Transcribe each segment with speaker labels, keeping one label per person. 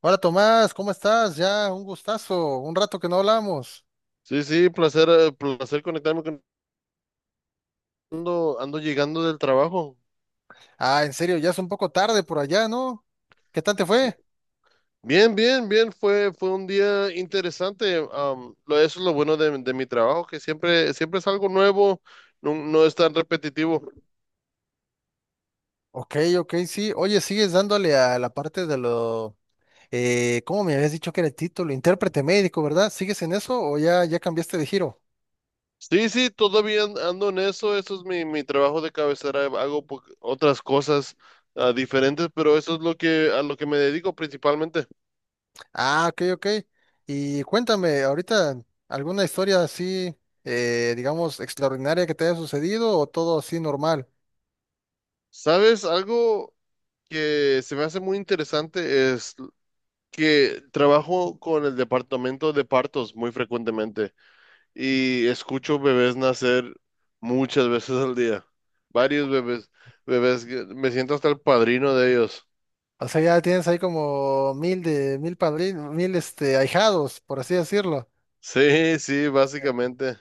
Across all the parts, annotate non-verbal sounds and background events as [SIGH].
Speaker 1: Hola Tomás, ¿cómo estás? Ya, un gustazo, un rato que no hablamos.
Speaker 2: Sí, sí, placer, placer conectarme con ando llegando del trabajo.
Speaker 1: Ah, en serio, ya es un poco tarde por allá, ¿no? ¿Qué tal te
Speaker 2: Sí.
Speaker 1: fue?
Speaker 2: Bien, bien, bien, fue un día interesante. Eso es lo bueno de mi trabajo, que siempre es algo nuevo, no, no es tan repetitivo.
Speaker 1: Ok, ok, sí. Oye, sigues dándole a la parte de lo, ¿cómo me habías dicho que era el título? Intérprete médico, ¿verdad? ¿Sigues en eso o ya cambiaste de giro?
Speaker 2: Sí, sí, todavía ando en eso, eso es mi trabajo de cabecera, hago otras cosas diferentes, pero eso es a lo que me dedico principalmente.
Speaker 1: Ah, ok, ok. Y cuéntame, ahorita, ¿alguna historia así, digamos, extraordinaria que te haya sucedido o todo así normal?
Speaker 2: ¿Sabes? Algo que se me hace muy interesante que trabajo con el departamento de partos muy frecuentemente y escucho bebés nacer muchas veces al día. Varios bebés, bebés, me siento hasta el padrino de ellos.
Speaker 1: O sea, ya tienes ahí como mil de mil padrinos, mil este ahijados, por así decirlo.
Speaker 2: Sí, sí, básicamente.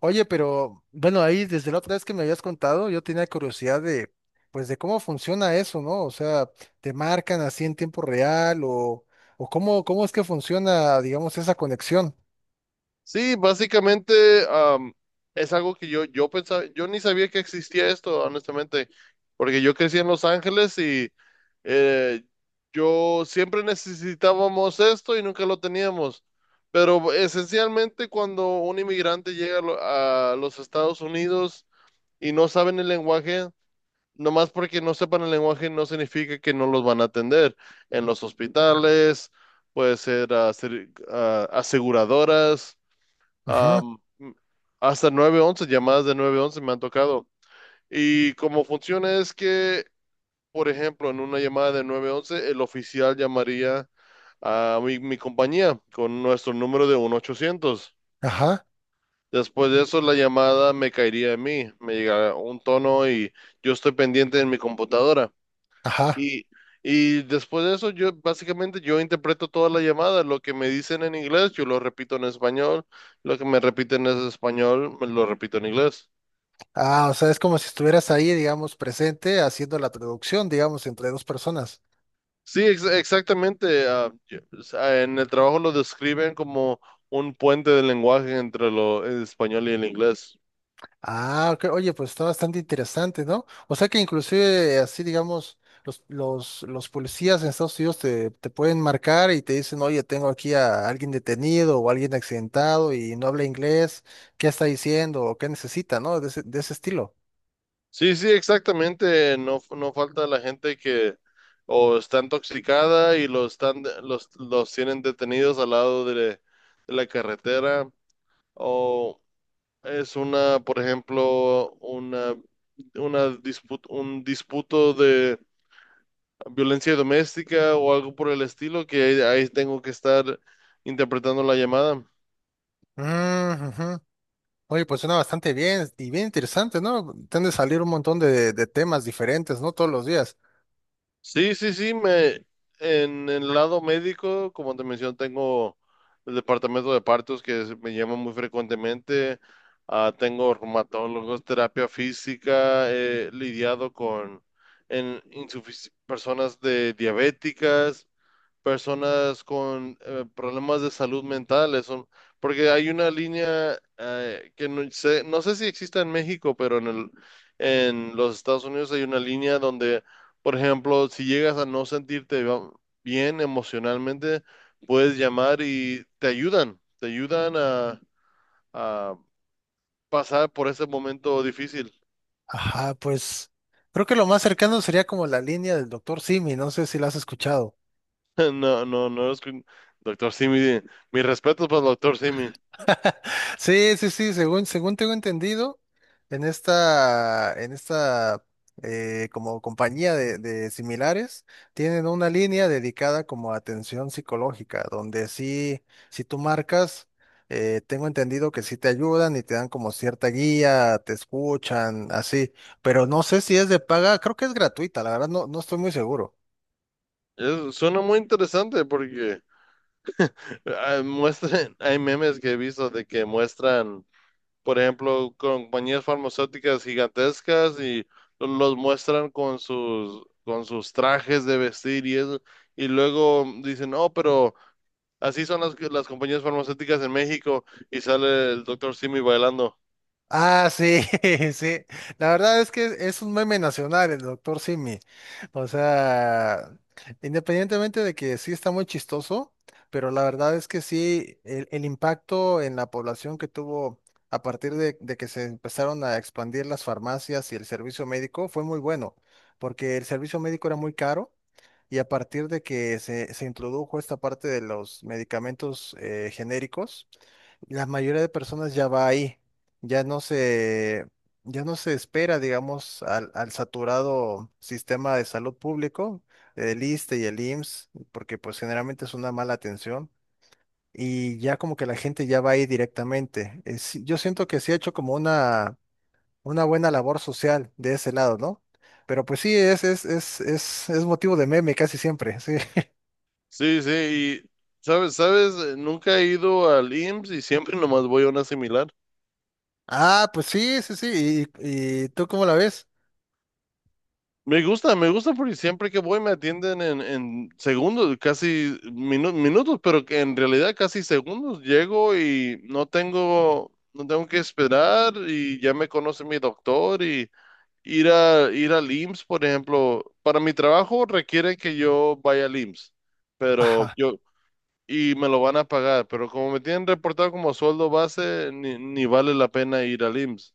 Speaker 1: Oye, pero bueno, ahí desde la otra vez que me habías contado, yo tenía curiosidad de, pues, de cómo funciona eso, ¿no? O sea, ¿te marcan así en tiempo real o cómo, cómo es que funciona, digamos, esa conexión?
Speaker 2: Sí, básicamente es algo que yo pensaba, yo ni sabía que existía esto, honestamente, porque yo crecí en Los Ángeles y eh, yo siempre necesitábamos esto y nunca lo teníamos. Pero esencialmente cuando un inmigrante llega a los Estados Unidos y no saben el lenguaje, nomás porque no sepan el lenguaje no significa que no los van a atender en los hospitales, puede ser aseguradoras.
Speaker 1: Ajá,
Speaker 2: am, Hasta 911 llamadas de 911 me han tocado. Y cómo funciona es que, por ejemplo, en una llamada de 911 el oficial llamaría a mi compañía con nuestro número de 1-800.
Speaker 1: ajá,
Speaker 2: Después de eso, la llamada me caería a mí, me llegará un tono y yo estoy pendiente en mi computadora.
Speaker 1: ajá.
Speaker 2: Y, y después de eso, yo básicamente yo interpreto toda la llamada. Lo que me dicen en inglés, yo lo repito en español. Lo que me repiten en español, me lo repito en inglés.
Speaker 1: Ah, o sea, es como si estuvieras ahí, digamos, presente haciendo la traducción, digamos, entre dos personas.
Speaker 2: Sí, exactamente. O sea, en el trabajo lo describen como un puente de lenguaje entre el español y el inglés.
Speaker 1: Ah, ok. Oye, pues está bastante interesante, ¿no? O sea que inclusive así, digamos, los policías en Estados Unidos te, te pueden marcar y te dicen, oye, tengo aquí a alguien detenido o alguien accidentado y no habla inglés, ¿qué está diciendo o qué necesita, ¿no? De de ese estilo.
Speaker 2: Sí, sí, exactamente. No, no falta la gente que o está intoxicada y los tienen detenidos al lado de la carretera. O Es una, por ejemplo, una disputa, un disputo de violencia doméstica o algo por el estilo, que ahí tengo que estar interpretando la llamada.
Speaker 1: Mm, ujú. Oye, pues suena bastante bien y bien interesante, ¿no? Tiende a salir un montón de temas diferentes, ¿no? Todos los días.
Speaker 2: Sí, sí, sí, en el lado médico, como te mencioné, tengo el departamento de partos me llama muy frecuentemente. Tengo reumatólogos, terapia física, he lidiado con personas de diabéticas. Personas con problemas de salud mental, eso, porque hay una línea que no sé si existe en México, pero en los Estados Unidos hay una línea donde, por ejemplo, si llegas a no sentirte bien emocionalmente, puedes llamar y te ayudan a pasar por ese momento difícil. [LAUGHS]
Speaker 1: Ajá, pues creo que lo más cercano sería como la línea del doctor Simi, no sé si la has escuchado.
Speaker 2: No, no, no. Doctor Simi, mis respetos para el doctor Simi.
Speaker 1: Sí, sí, sí, según tengo entendido, en en esta como compañía de similares, tienen una línea dedicada como a atención psicológica, donde sí, si tú marcas, tengo entendido que sí te ayudan y te dan como cierta guía, te escuchan, así, pero no sé si es de paga, creo que es gratuita, la verdad no estoy muy seguro.
Speaker 2: Suena muy interesante porque [LAUGHS] hay memes que he visto de que muestran, por ejemplo, compañías farmacéuticas gigantescas y los muestran con sus trajes de vestir y eso, y luego dicen, no, pero así son las compañías farmacéuticas en México y sale el doctor Simi bailando.
Speaker 1: Ah, sí, [LAUGHS] sí. La verdad es que es un meme nacional el doctor Simi. O sea, independientemente de que sí está muy chistoso, pero la verdad es que sí, el impacto en la población que tuvo a partir de que se empezaron a expandir las farmacias y el servicio médico fue muy bueno, porque el servicio médico era muy caro. Y a partir de que se introdujo esta parte de los medicamentos genéricos, la mayoría de personas ya va ahí, ya no se, ya no se espera, digamos, al saturado sistema de salud público, el ISSSTE y el IMSS, porque pues generalmente es una mala atención y ya como que la gente ya va ahí directamente. Sí, yo siento que sí ha hecho como una buena labor social de ese lado, ¿no? Pero pues sí, es motivo de meme casi siempre, sí. [LAUGHS]
Speaker 2: Sí, sí, y sabes, nunca he ido al IMSS y siempre nomás voy a una similar.
Speaker 1: Ah, pues sí, sí, sí. Y tú cómo la ves?
Speaker 2: Me gusta porque siempre que voy me atienden en segundos, casi minutos, pero que en realidad casi segundos. Llego y no tengo que esperar y ya me conoce mi doctor y ir al IMSS, por ejemplo, para mi trabajo requiere que yo vaya al IMSS, pero
Speaker 1: Ajá.
Speaker 2: yo y me lo van a pagar, pero como me tienen reportado como sueldo base, ni vale la pena ir al IMSS.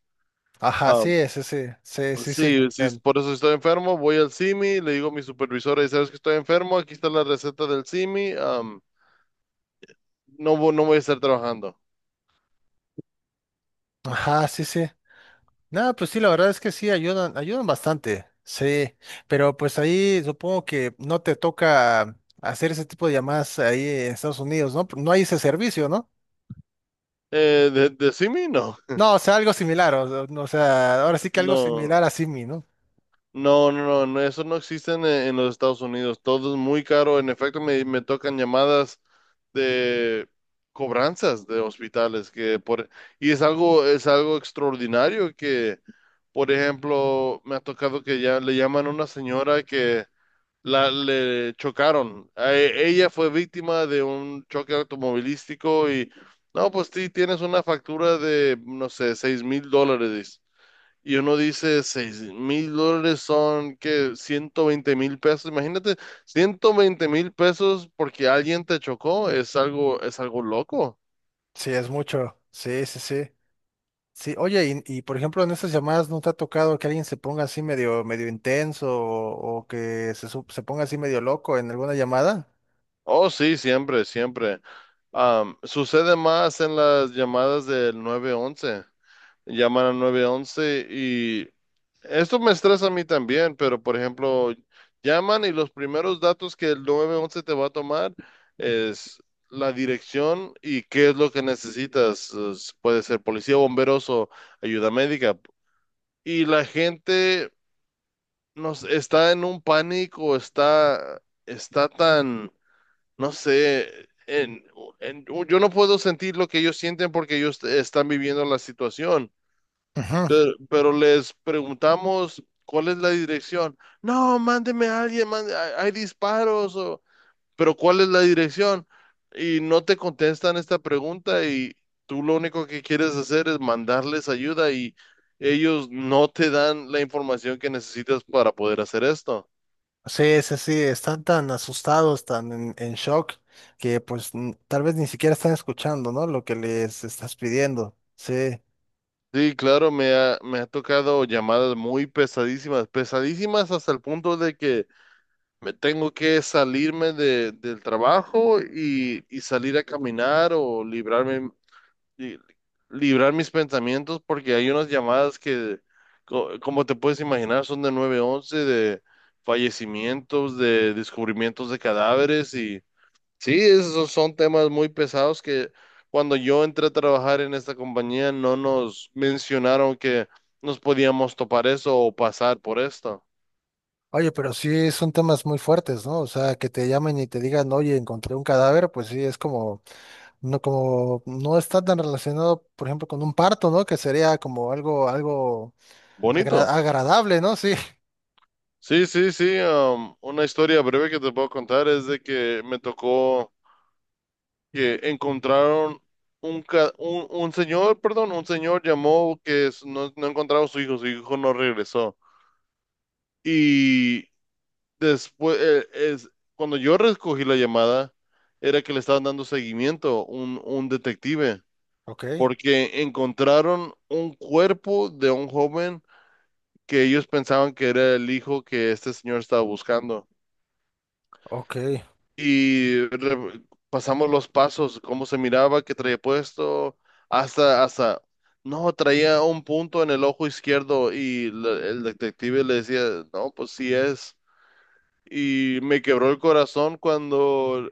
Speaker 1: Ajá, sí, sí, sí, sí, sí, sí, te
Speaker 2: Sí, sí,
Speaker 1: entiendo.
Speaker 2: por eso estoy enfermo, voy al simi, le digo a mi supervisora, y sabes que estoy enfermo, aquí está la receta del simi. No, no voy a estar trabajando.
Speaker 1: Ajá, sí, sí. Nada, pues sí, la verdad es que sí, ayudan, ayudan bastante, sí, pero pues ahí supongo que no te toca hacer ese tipo de llamadas ahí en Estados Unidos, ¿no? No hay ese servicio, ¿no?
Speaker 2: ¿De CIMI? No.
Speaker 1: No, o sea, algo similar, o sea, ahora sí que algo
Speaker 2: No,
Speaker 1: similar a Simi, ¿no?
Speaker 2: no, no, no, no, eso no existe en los Estados Unidos, todo es muy caro, en efecto me tocan llamadas de cobranzas de hospitales, y es algo extraordinario que, por ejemplo, me ha tocado que ya le llaman a una señora que le chocaron. Ella fue víctima de un choque automovilístico y, no, pues sí, tienes una factura de, no sé, $6,000, dice. Y uno dice, $6,000 son, que 120,000 pesos. Imagínate, 120,000 pesos porque alguien te chocó. Es algo loco.
Speaker 1: Sí, es mucho, sí, sí, sí. Sí, oye, por ejemplo en esas llamadas no te ha tocado que alguien se ponga así medio, medio intenso o que se, su- se ponga así medio loco en alguna llamada?
Speaker 2: Oh, sí, siempre, siempre. Sucede más en las llamadas del 911, llaman a once y esto me estresa a mí también, pero por ejemplo, llaman y los primeros datos que el 911 te va a tomar es la dirección y qué es lo que necesitas. Puede ser policía, bomberos o ayuda médica. Y la gente nos está en un pánico, está tan, no sé, yo no puedo sentir lo que ellos sienten porque ellos están viviendo la situación,
Speaker 1: Ujú.
Speaker 2: pero les preguntamos cuál es la dirección. No, mándeme a alguien, hay disparos, pero ¿cuál es la dirección? Y no te contestan esta pregunta y tú lo único que quieres hacer es mandarles ayuda y ellos no te dan la información que necesitas para poder hacer esto.
Speaker 1: Sí, sí, sí, están tan asustados, tan en shock, que pues n- tal vez ni siquiera están escuchando, ¿no? Lo que les estás pidiendo. Sí.
Speaker 2: Sí, claro, me ha tocado llamadas muy pesadísimas, pesadísimas hasta el punto de que me tengo que salirme del trabajo y salir a caminar o librarme, li- librar mis pensamientos porque hay unas llamadas que, como te puedes imaginar, son de 911 de fallecimientos, de descubrimientos de cadáveres y sí, esos son temas muy pesados que cuando yo entré a trabajar en esta compañía no nos mencionaron que nos podíamos topar eso o pasar por esto.
Speaker 1: Oye, pero sí son temas muy fuertes, ¿no? O sea, que te llamen y te digan, oye, encontré un cadáver, pues sí, es como, no está tan relacionado, por ejemplo, con un parto, ¿no? Que sería como algo, algo
Speaker 2: Bonito.
Speaker 1: agra- agradable, ¿no? Sí. [LAUGHS]
Speaker 2: Sí, sí, sí. Una historia breve que te puedo contar es de que me tocó que encontraron un señor, perdón, un señor llamó que no, no encontraba a su hijo no regresó. Y después, cuando yo recogí la llamada, era que le estaban dando seguimiento un detective,
Speaker 1: Ok,
Speaker 2: porque encontraron un cuerpo de un joven que ellos pensaban que era el hijo que este señor estaba buscando.
Speaker 1: ok,
Speaker 2: Y pasamos los pasos, cómo se miraba, qué traía puesto, hasta, no, traía un punto en el ojo izquierdo y el detective le decía, no, pues sí es. Y me quebró el corazón cuando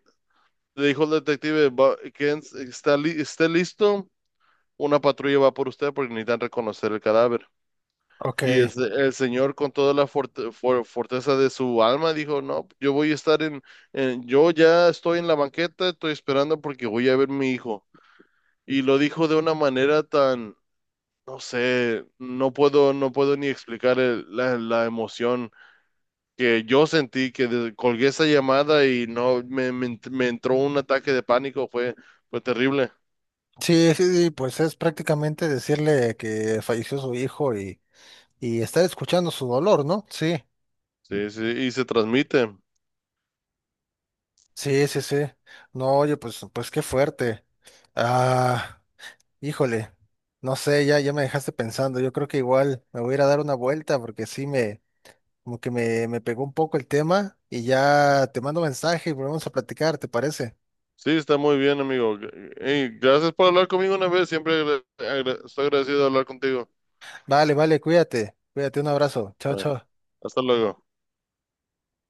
Speaker 2: le dijo el detective, ¿Esté listo? Una patrulla va por usted porque necesitan reconocer el cadáver".
Speaker 1: ok.
Speaker 2: Y el señor con toda la fortaleza de su alma dijo, no, yo voy a estar, yo ya estoy en la banqueta, estoy esperando porque voy a ver mi hijo. Y lo dijo de una manera tan, no sé, no puedo ni explicar la emoción que yo sentí, que colgué esa llamada y no, me entró un ataque de pánico, fue terrible.
Speaker 1: Sí, sí, sí, pues es prácticamente decirle que falleció su hijo y estar escuchando su dolor, ¿no? Sí,
Speaker 2: Sí, sí, y se transmite.
Speaker 1: sí, sí, sí. No, oye, pues, pues qué fuerte. Ah, híjole, no sé, ya me dejaste pensando. Yo creo que igual me voy a ir a dar una vuelta porque sí me, como que me pegó un poco el tema y ya te mando mensaje y volvemos a platicar, ¿te parece?
Speaker 2: Sí, está muy bien, amigo. Ey, gracias por hablar conmigo una vez. Siempre estoy agradecido de hablar contigo.
Speaker 1: Vale, vale, cuídate, cuídate, un abrazo. Chao,
Speaker 2: Ah,
Speaker 1: chao.
Speaker 2: Hasta luego.